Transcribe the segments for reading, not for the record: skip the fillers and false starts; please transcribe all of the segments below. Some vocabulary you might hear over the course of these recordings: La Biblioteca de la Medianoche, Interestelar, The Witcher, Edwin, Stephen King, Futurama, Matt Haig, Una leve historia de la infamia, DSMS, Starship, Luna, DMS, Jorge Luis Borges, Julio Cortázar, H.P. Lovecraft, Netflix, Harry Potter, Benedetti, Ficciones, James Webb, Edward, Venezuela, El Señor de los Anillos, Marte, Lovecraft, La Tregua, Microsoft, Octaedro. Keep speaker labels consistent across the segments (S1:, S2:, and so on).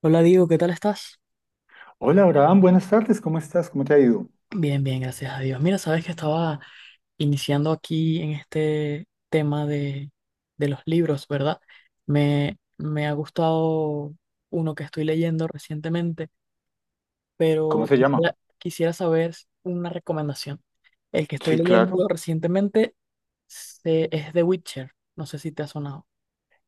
S1: Hola Diego, ¿qué tal estás?
S2: Hola, Abraham, buenas tardes, ¿cómo estás? ¿Cómo te ha ido?
S1: Bien, bien, gracias a Dios. Mira, sabes que estaba iniciando aquí en este tema de los libros, ¿verdad? Me ha gustado uno que estoy leyendo recientemente,
S2: ¿Cómo
S1: pero
S2: se llama?
S1: quisiera saber una recomendación. El que estoy
S2: Sí, claro.
S1: leyendo recientemente es The Witcher. No sé si te ha sonado.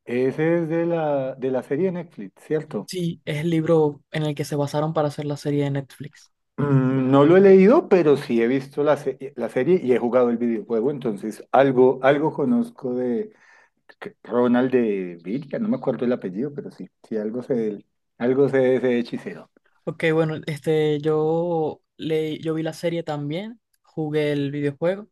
S2: Ese es de la serie de Netflix, ¿cierto?
S1: Sí, es el libro en el que se basaron para hacer la serie de Netflix.
S2: Mm, no lo he leído, pero sí he visto la serie y he jugado el videojuego, entonces algo conozco Ronald de Villa, no me acuerdo el apellido, pero sí, sí, algo sé de él, algo sé de ese hechicero.
S1: Ok, bueno, yo yo vi la serie también, jugué el videojuego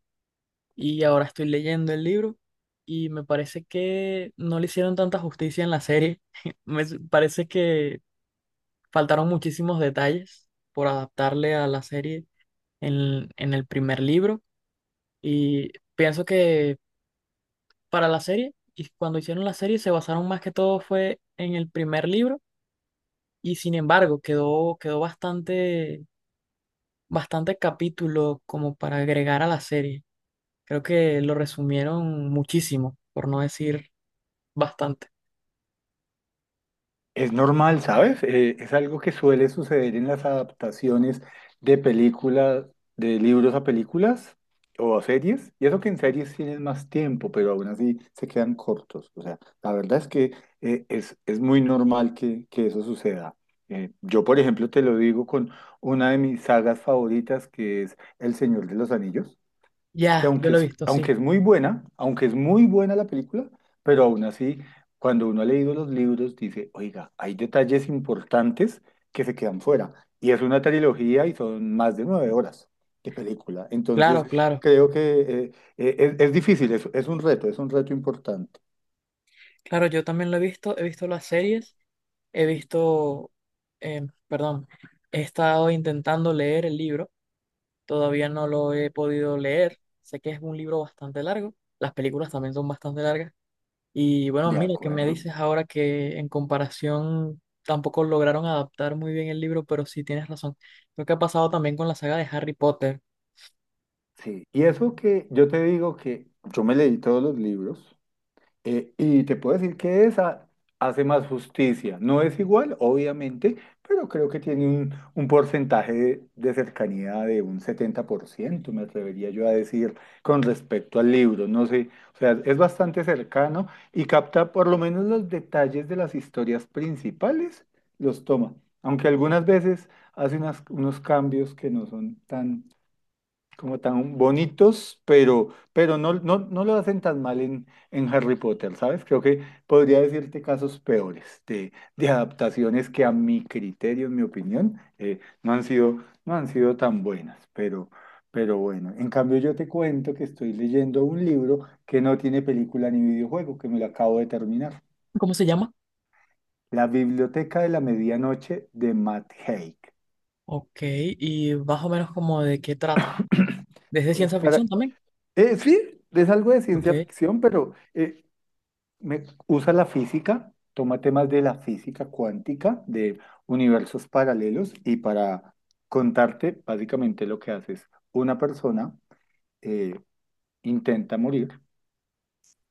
S1: y ahora estoy leyendo el libro y me parece que no le hicieron tanta justicia en la serie. Me parece que faltaron muchísimos detalles por adaptarle a la serie en el primer libro y pienso que para la serie y cuando hicieron la serie se basaron más que todo fue en el primer libro y sin embargo quedó bastante bastantes capítulos como para agregar a la serie. Creo que lo resumieron muchísimo, por no decir bastante.
S2: Es normal, ¿sabes? Es algo que suele suceder en las adaptaciones de películas, de libros a películas o a series. Y eso que en series tienen más tiempo, pero aún así se quedan cortos. O sea, la verdad es que es muy normal que eso suceda. Yo, por ejemplo, te lo digo con una de mis sagas favoritas, que es El Señor de los Anillos, que
S1: Ya, yo lo he visto, sí.
S2: aunque es muy buena, aunque es muy buena la película, pero aún así, cuando uno ha leído los libros, dice, oiga, hay detalles importantes que se quedan fuera. Y es una trilogía y son más de 9 horas de película.
S1: Claro,
S2: Entonces,
S1: claro.
S2: creo que es difícil, es un reto, es un reto, importante.
S1: Claro, yo también lo he visto las series, he visto, perdón, he estado intentando leer el libro, todavía no lo he podido leer, sé que es un libro bastante largo, las películas también son bastante largas. Y bueno,
S2: De
S1: mira, que me
S2: acuerdo.
S1: dices ahora que en comparación tampoco lograron adaptar muy bien el libro, pero sí tienes razón. Lo que ha pasado también con la saga de Harry Potter.
S2: Sí. Y eso que yo te digo que yo me leí todos los libros. Y te puedo decir que esa hace más justicia. No es igual, obviamente, pero creo que tiene un porcentaje de cercanía de un 70% me atrevería yo a decir, con respecto al libro. No sé, o sea, es bastante cercano y capta por lo menos los detalles de las historias principales, los toma. Aunque algunas veces hace unos cambios que no son tan como tan bonitos, pero, no, no, no lo hacen tan mal en Harry Potter, ¿sabes? Creo que podría decirte casos peores de adaptaciones que a mi criterio, en mi opinión, no han sido tan buenas, pero bueno, en cambio yo te cuento que estoy leyendo un libro que no tiene película ni videojuego, que me lo acabo de terminar.
S1: ¿Cómo se llama?
S2: La Biblioteca de la Medianoche de Matt Haig.
S1: Ok, y más o menos como de qué trata. ¿Desde
S2: Pues
S1: ciencia
S2: para...
S1: ficción también?
S2: sí, es algo de
S1: Ok,
S2: ciencia ficción, pero usa la física, toma temas de la física cuántica, de universos paralelos y para contarte básicamente lo que haces. Una persona eh, intenta morir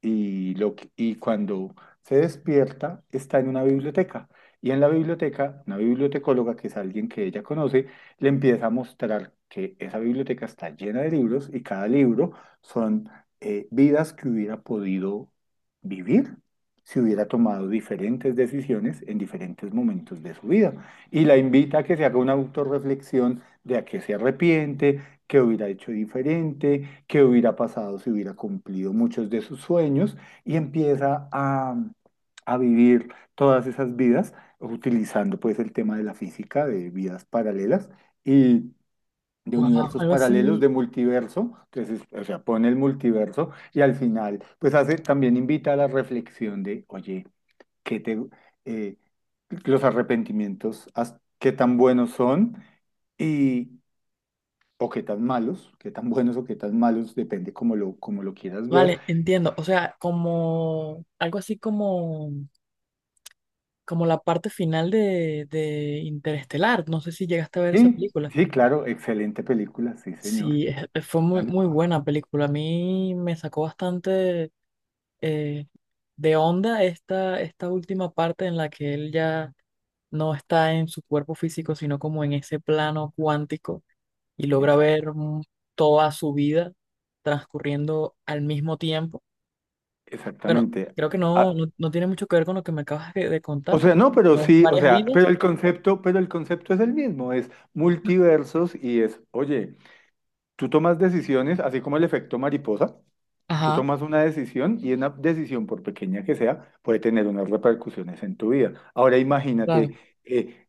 S2: y cuando se despierta está en una biblioteca. Y en la biblioteca, una bibliotecóloga, que es alguien que ella conoce, le empieza a mostrar que esa biblioteca está llena de libros y cada libro son vidas que hubiera podido vivir si hubiera tomado diferentes decisiones en diferentes momentos de su vida. Y la invita a que se haga una autorreflexión de a qué se arrepiente, qué hubiera hecho diferente, qué hubiera pasado si hubiera cumplido muchos de sus sueños y empieza a vivir todas esas vidas utilizando pues el tema de la física, de vidas paralelas y de
S1: wow,
S2: universos
S1: algo
S2: paralelos,
S1: así.
S2: de multiverso, entonces, o sea, pone el multiverso y al final pues hace, también invita a la reflexión de, oye, ¿qué te, eh, los arrepentimientos, qué tan buenos son? O qué tan malos, qué tan buenos o qué tan malos, depende como lo quieras ver.
S1: Vale, entiendo. O sea, como algo así como, como la parte final de Interestelar. No sé si llegaste a ver esa
S2: Y
S1: película.
S2: sí, claro, excelente película, sí, señor,
S1: Sí, fue muy,
S2: tal
S1: muy
S2: cual.
S1: buena película. A mí me sacó bastante eh, de onda esta, esta última parte en la que él ya no está en su cuerpo físico, sino como en ese plano cuántico y logra
S2: Exacto,
S1: ver toda su vida transcurriendo al mismo tiempo. Bueno,
S2: exactamente.
S1: creo que
S2: Ah,
S1: no tiene mucho que ver con lo que me acabas de
S2: o
S1: contar,
S2: sea,
S1: porque
S2: no, pero
S1: son
S2: sí, o
S1: varias
S2: sea, pero
S1: vidas.
S2: el concepto, pero el concepto es el mismo, es multiversos y es, oye, tú tomas decisiones, así como el efecto mariposa, tú
S1: Ajá,
S2: tomas una decisión y una decisión, por pequeña que sea, puede tener unas repercusiones en tu vida. Ahora
S1: claro.
S2: imagínate eh,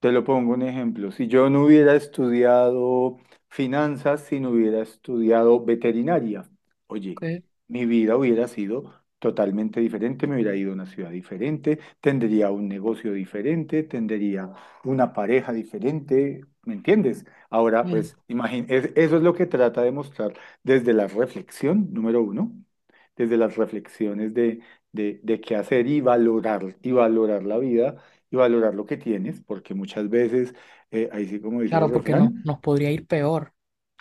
S2: Te lo pongo un ejemplo. Si yo no hubiera estudiado finanzas, si no hubiera estudiado veterinaria, oye,
S1: Ok,
S2: mi vida hubiera sido totalmente diferente, me hubiera ido a una ciudad diferente, tendría un negocio diferente, tendría una pareja diferente, ¿me entiendes? Ahora,
S1: bien.
S2: pues, eso es lo que trata de mostrar desde la reflexión, número uno, desde las reflexiones de, de qué hacer y valorar la vida y valorar lo que tienes, porque muchas veces, ahí sí como dice el
S1: Claro, porque no,
S2: refrán,
S1: nos podría ir peor.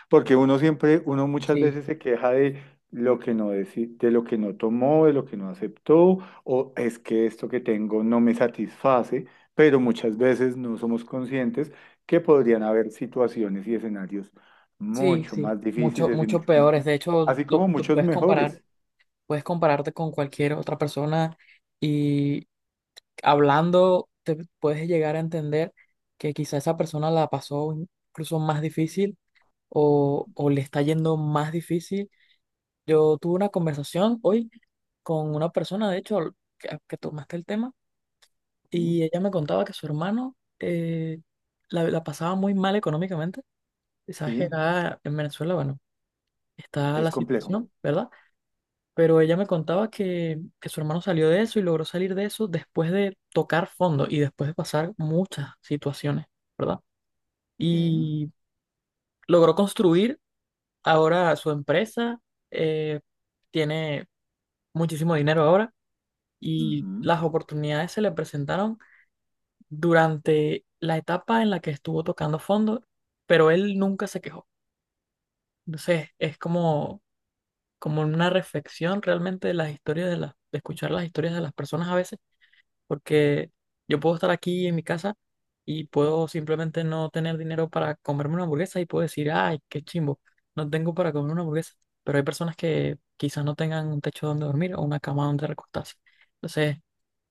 S2: porque uno muchas
S1: Sí,
S2: veces se queja de lo que no deci- de lo que no tomó, de lo que no aceptó, o es que esto que tengo no me satisface, pero muchas veces no somos conscientes que podrían haber situaciones y escenarios
S1: sí,
S2: mucho
S1: sí.
S2: más
S1: Mucho,
S2: difíciles y
S1: mucho
S2: mucho más
S1: peores. De
S2: complejos,
S1: hecho,
S2: así como
S1: lo
S2: muchos
S1: puedes comparar,
S2: mejores,
S1: puedes compararte con cualquier otra persona y hablando te puedes llegar a entender que quizá esa persona la pasó incluso más difícil o le está yendo más difícil. Yo tuve una conversación hoy con una persona, de hecho, que tomaste el tema,
S2: ¿sí?
S1: y ella me contaba que su hermano la pasaba muy mal económicamente. Y sabes que
S2: Sí,
S1: acá en Venezuela, bueno, está
S2: es
S1: la
S2: complejo.
S1: situación, ¿verdad? Pero ella me contaba que su hermano salió de eso y logró salir de eso después de tocar fondo y después de pasar muchas situaciones, ¿verdad?
S2: Sí.
S1: Y logró construir ahora su empresa, eh, tiene muchísimo dinero ahora y
S2: Ujú.
S1: las oportunidades se le presentaron durante la etapa en la que estuvo tocando fondo, pero él nunca se quejó. Entonces es como, como una reflexión realmente de las historias de de escuchar las historias de las personas a veces porque yo puedo estar aquí en mi casa y puedo simplemente no tener dinero para comerme una hamburguesa y puedo decir, ay, qué chimbo, no tengo para comer una hamburguesa, pero hay personas que quizás no tengan un techo donde dormir o una cama donde recostarse. Entonces,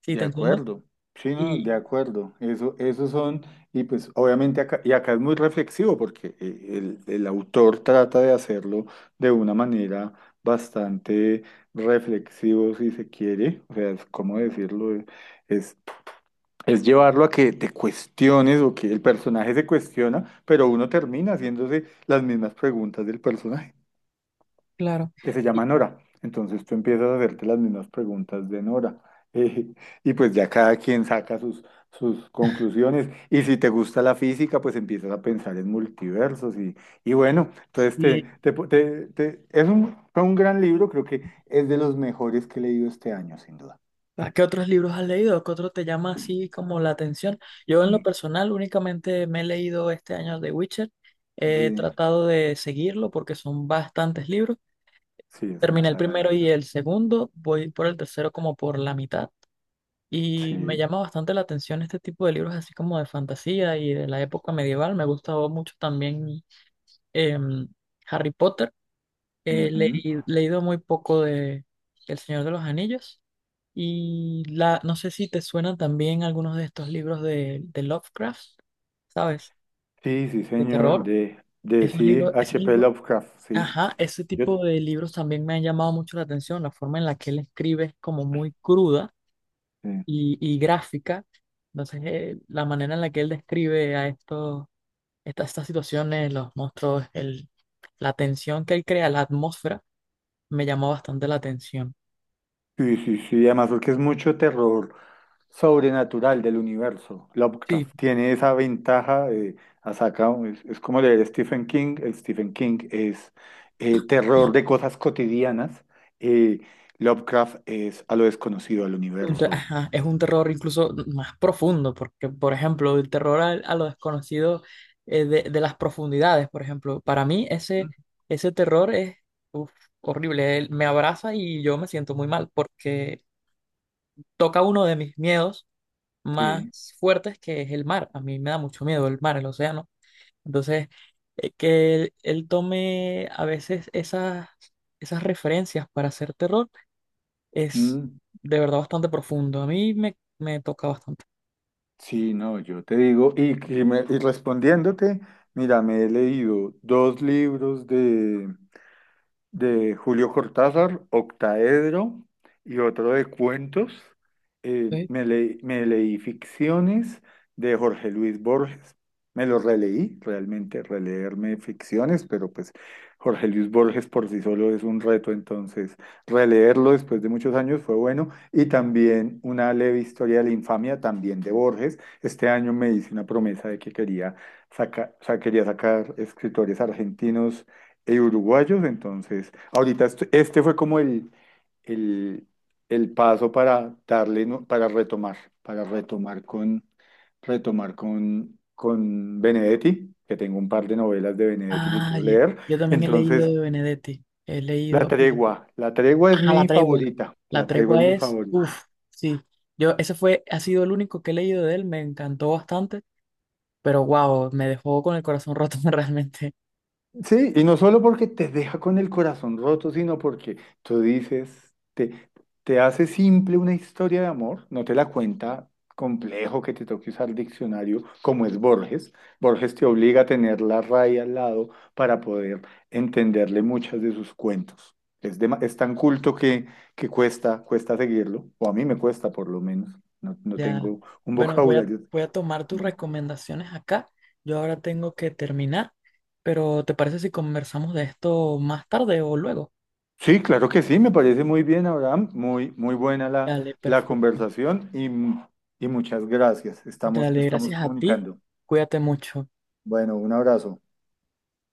S1: sí,
S2: De
S1: te entiendo.
S2: acuerdo, sí, no,
S1: Y
S2: de acuerdo. Eso, esos son, y pues obviamente acá, y acá es muy reflexivo porque el autor trata de hacerlo de una manera bastante reflexivo, si se quiere. O sea, es, ¿cómo decirlo? Es, es llevarlo a que te cuestiones o que el personaje se cuestiona, pero uno termina haciéndose las mismas preguntas del personaje
S1: claro,
S2: que se llama
S1: y,
S2: Nora. Entonces tú empiezas a hacerte las mismas preguntas de Nora. eh, y pues ya cada quien saca sus conclusiones. Y si te gusta la física, pues empiezas a pensar en multiversos. Y bueno, entonces te,
S1: y,
S2: te, te- te- es un, fue un gran libro, creo que es de los mejores que he leído este año, sin duda.
S1: ¿a ¿qué otros libros has leído? ¿Qué otro te llama así como la atención? Yo en lo
S2: Mm.
S1: personal únicamente me he leído este año The Witcher. He
S2: Sí,
S1: tratado de seguirlo porque son bastantes libros.
S2: sí, es una
S1: Terminé el
S2: saga
S1: primero y
S2: larga.
S1: el segundo, voy por el tercero como por la mitad y me
S2: Sí.
S1: llama bastante la atención este tipo de libros así como de fantasía y de la época medieval. Me gustaba mucho también em, Harry Potter. He
S2: Ujú.
S1: leí- leído muy poco de El Señor de los Anillos y la, no sé si te suenan también algunos de estos libros de Lovecraft, ¿sabes?
S2: Sí, sí,
S1: De
S2: señor,
S1: terror.
S2: de,
S1: Esos
S2: sí,
S1: libros,
S2: H.P. Lovecraft, sí.
S1: ajá, ese
S2: Yo,
S1: tipo de libros también me han llamado mucho la atención, la forma en la que él escribe es como muy cruda
S2: sí.
S1: y gráfica, entonces la manera en la que él describe a estos, estas situaciones, los monstruos, el, la tensión que él crea, la atmósfera, me llamó bastante la atención.
S2: Sí, sí, sí, además porque es mucho terror sobrenatural del universo.
S1: Sí.
S2: Lovecraft tiene esa ventaja, ha es como leer Stephen King, el Stephen King es terror de cosas cotidianas, eh, Lovecraft es a lo desconocido, al
S1: un te-
S2: universo.
S1: ajá, es un terror incluso más profundo, porque, por ejemplo, el terror a lo desconocido de las profundidades, por ejemplo, para mí ese,
S2: Mm.
S1: ese terror es uf, horrible. Él me abraza y yo me siento muy mal, porque toca uno de mis miedos
S2: Sí.
S1: más fuertes, que es el mar. A mí me da mucho miedo el mar, el océano. Entonces, que él tome a veces esas, esas referencias para hacer terror es
S2: Mm.
S1: de verdad bastante profundo. A mí me toca bastante.
S2: Sí, no, yo te digo, y respondiéndote, mira, me he leído dos libros de Julio Cortázar, Octaedro y otro de cuentos.
S1: ¿Sí?
S2: Me leí Ficciones de Jorge Luis Borges. Me lo releí, realmente releerme Ficciones, pero pues Jorge Luis Borges por sí solo es un reto, entonces releerlo después de muchos años fue bueno. Y también una leve historia de la infamia, también de Borges. Este año me hice una promesa de que quería, quería sacar escritores argentinos uruguayos, entonces, ahorita este fue como el, el paso para darle, ¿no? Para retomar, para retomar con, con Benedetti, que tengo un par de novelas de Benedetti que quiero leer.
S1: Yo también he leído
S2: Entonces,
S1: de Benedetti. He
S2: La
S1: leído.
S2: Tregua, La Tregua es
S1: Ajá, La
S2: mi
S1: Tregua.
S2: favorita,
S1: La
S2: La Tregua es
S1: Tregua
S2: mi
S1: es.
S2: favorita.
S1: Uf, sí. Yo, ese fue, ha sido el único que he leído de él. Me encantó bastante. Pero wow, me dejó con el corazón roto realmente.
S2: Sí, y no solo porque te deja con el corazón roto, sino porque tú dices, te hace simple una historia de amor, no te la cuenta complejo que te toque usar diccionario como es Borges. Borges te obliga a tener la raya al lado para poder entenderle muchas de sus cuentos. Es tan culto que cuesta seguirlo, o a mí me cuesta por lo menos, no, no
S1: Ya.
S2: tengo un
S1: Bueno, voy a,
S2: vocabulario
S1: voy a tomar
S2: tan
S1: tus
S2: bueno.
S1: recomendaciones acá. Yo ahora tengo que terminar. Pero ¿te parece si conversamos de esto más tarde o luego?
S2: Sí, claro que sí, me parece muy bien, Abraham. Muy, muy buena la,
S1: Dale,
S2: la
S1: perfecto.
S2: conversación y muchas gracias. Estamos,
S1: Dale,
S2: estamos
S1: gracias a ti.
S2: comunicando.
S1: Cuídate mucho.
S2: Bueno, un abrazo.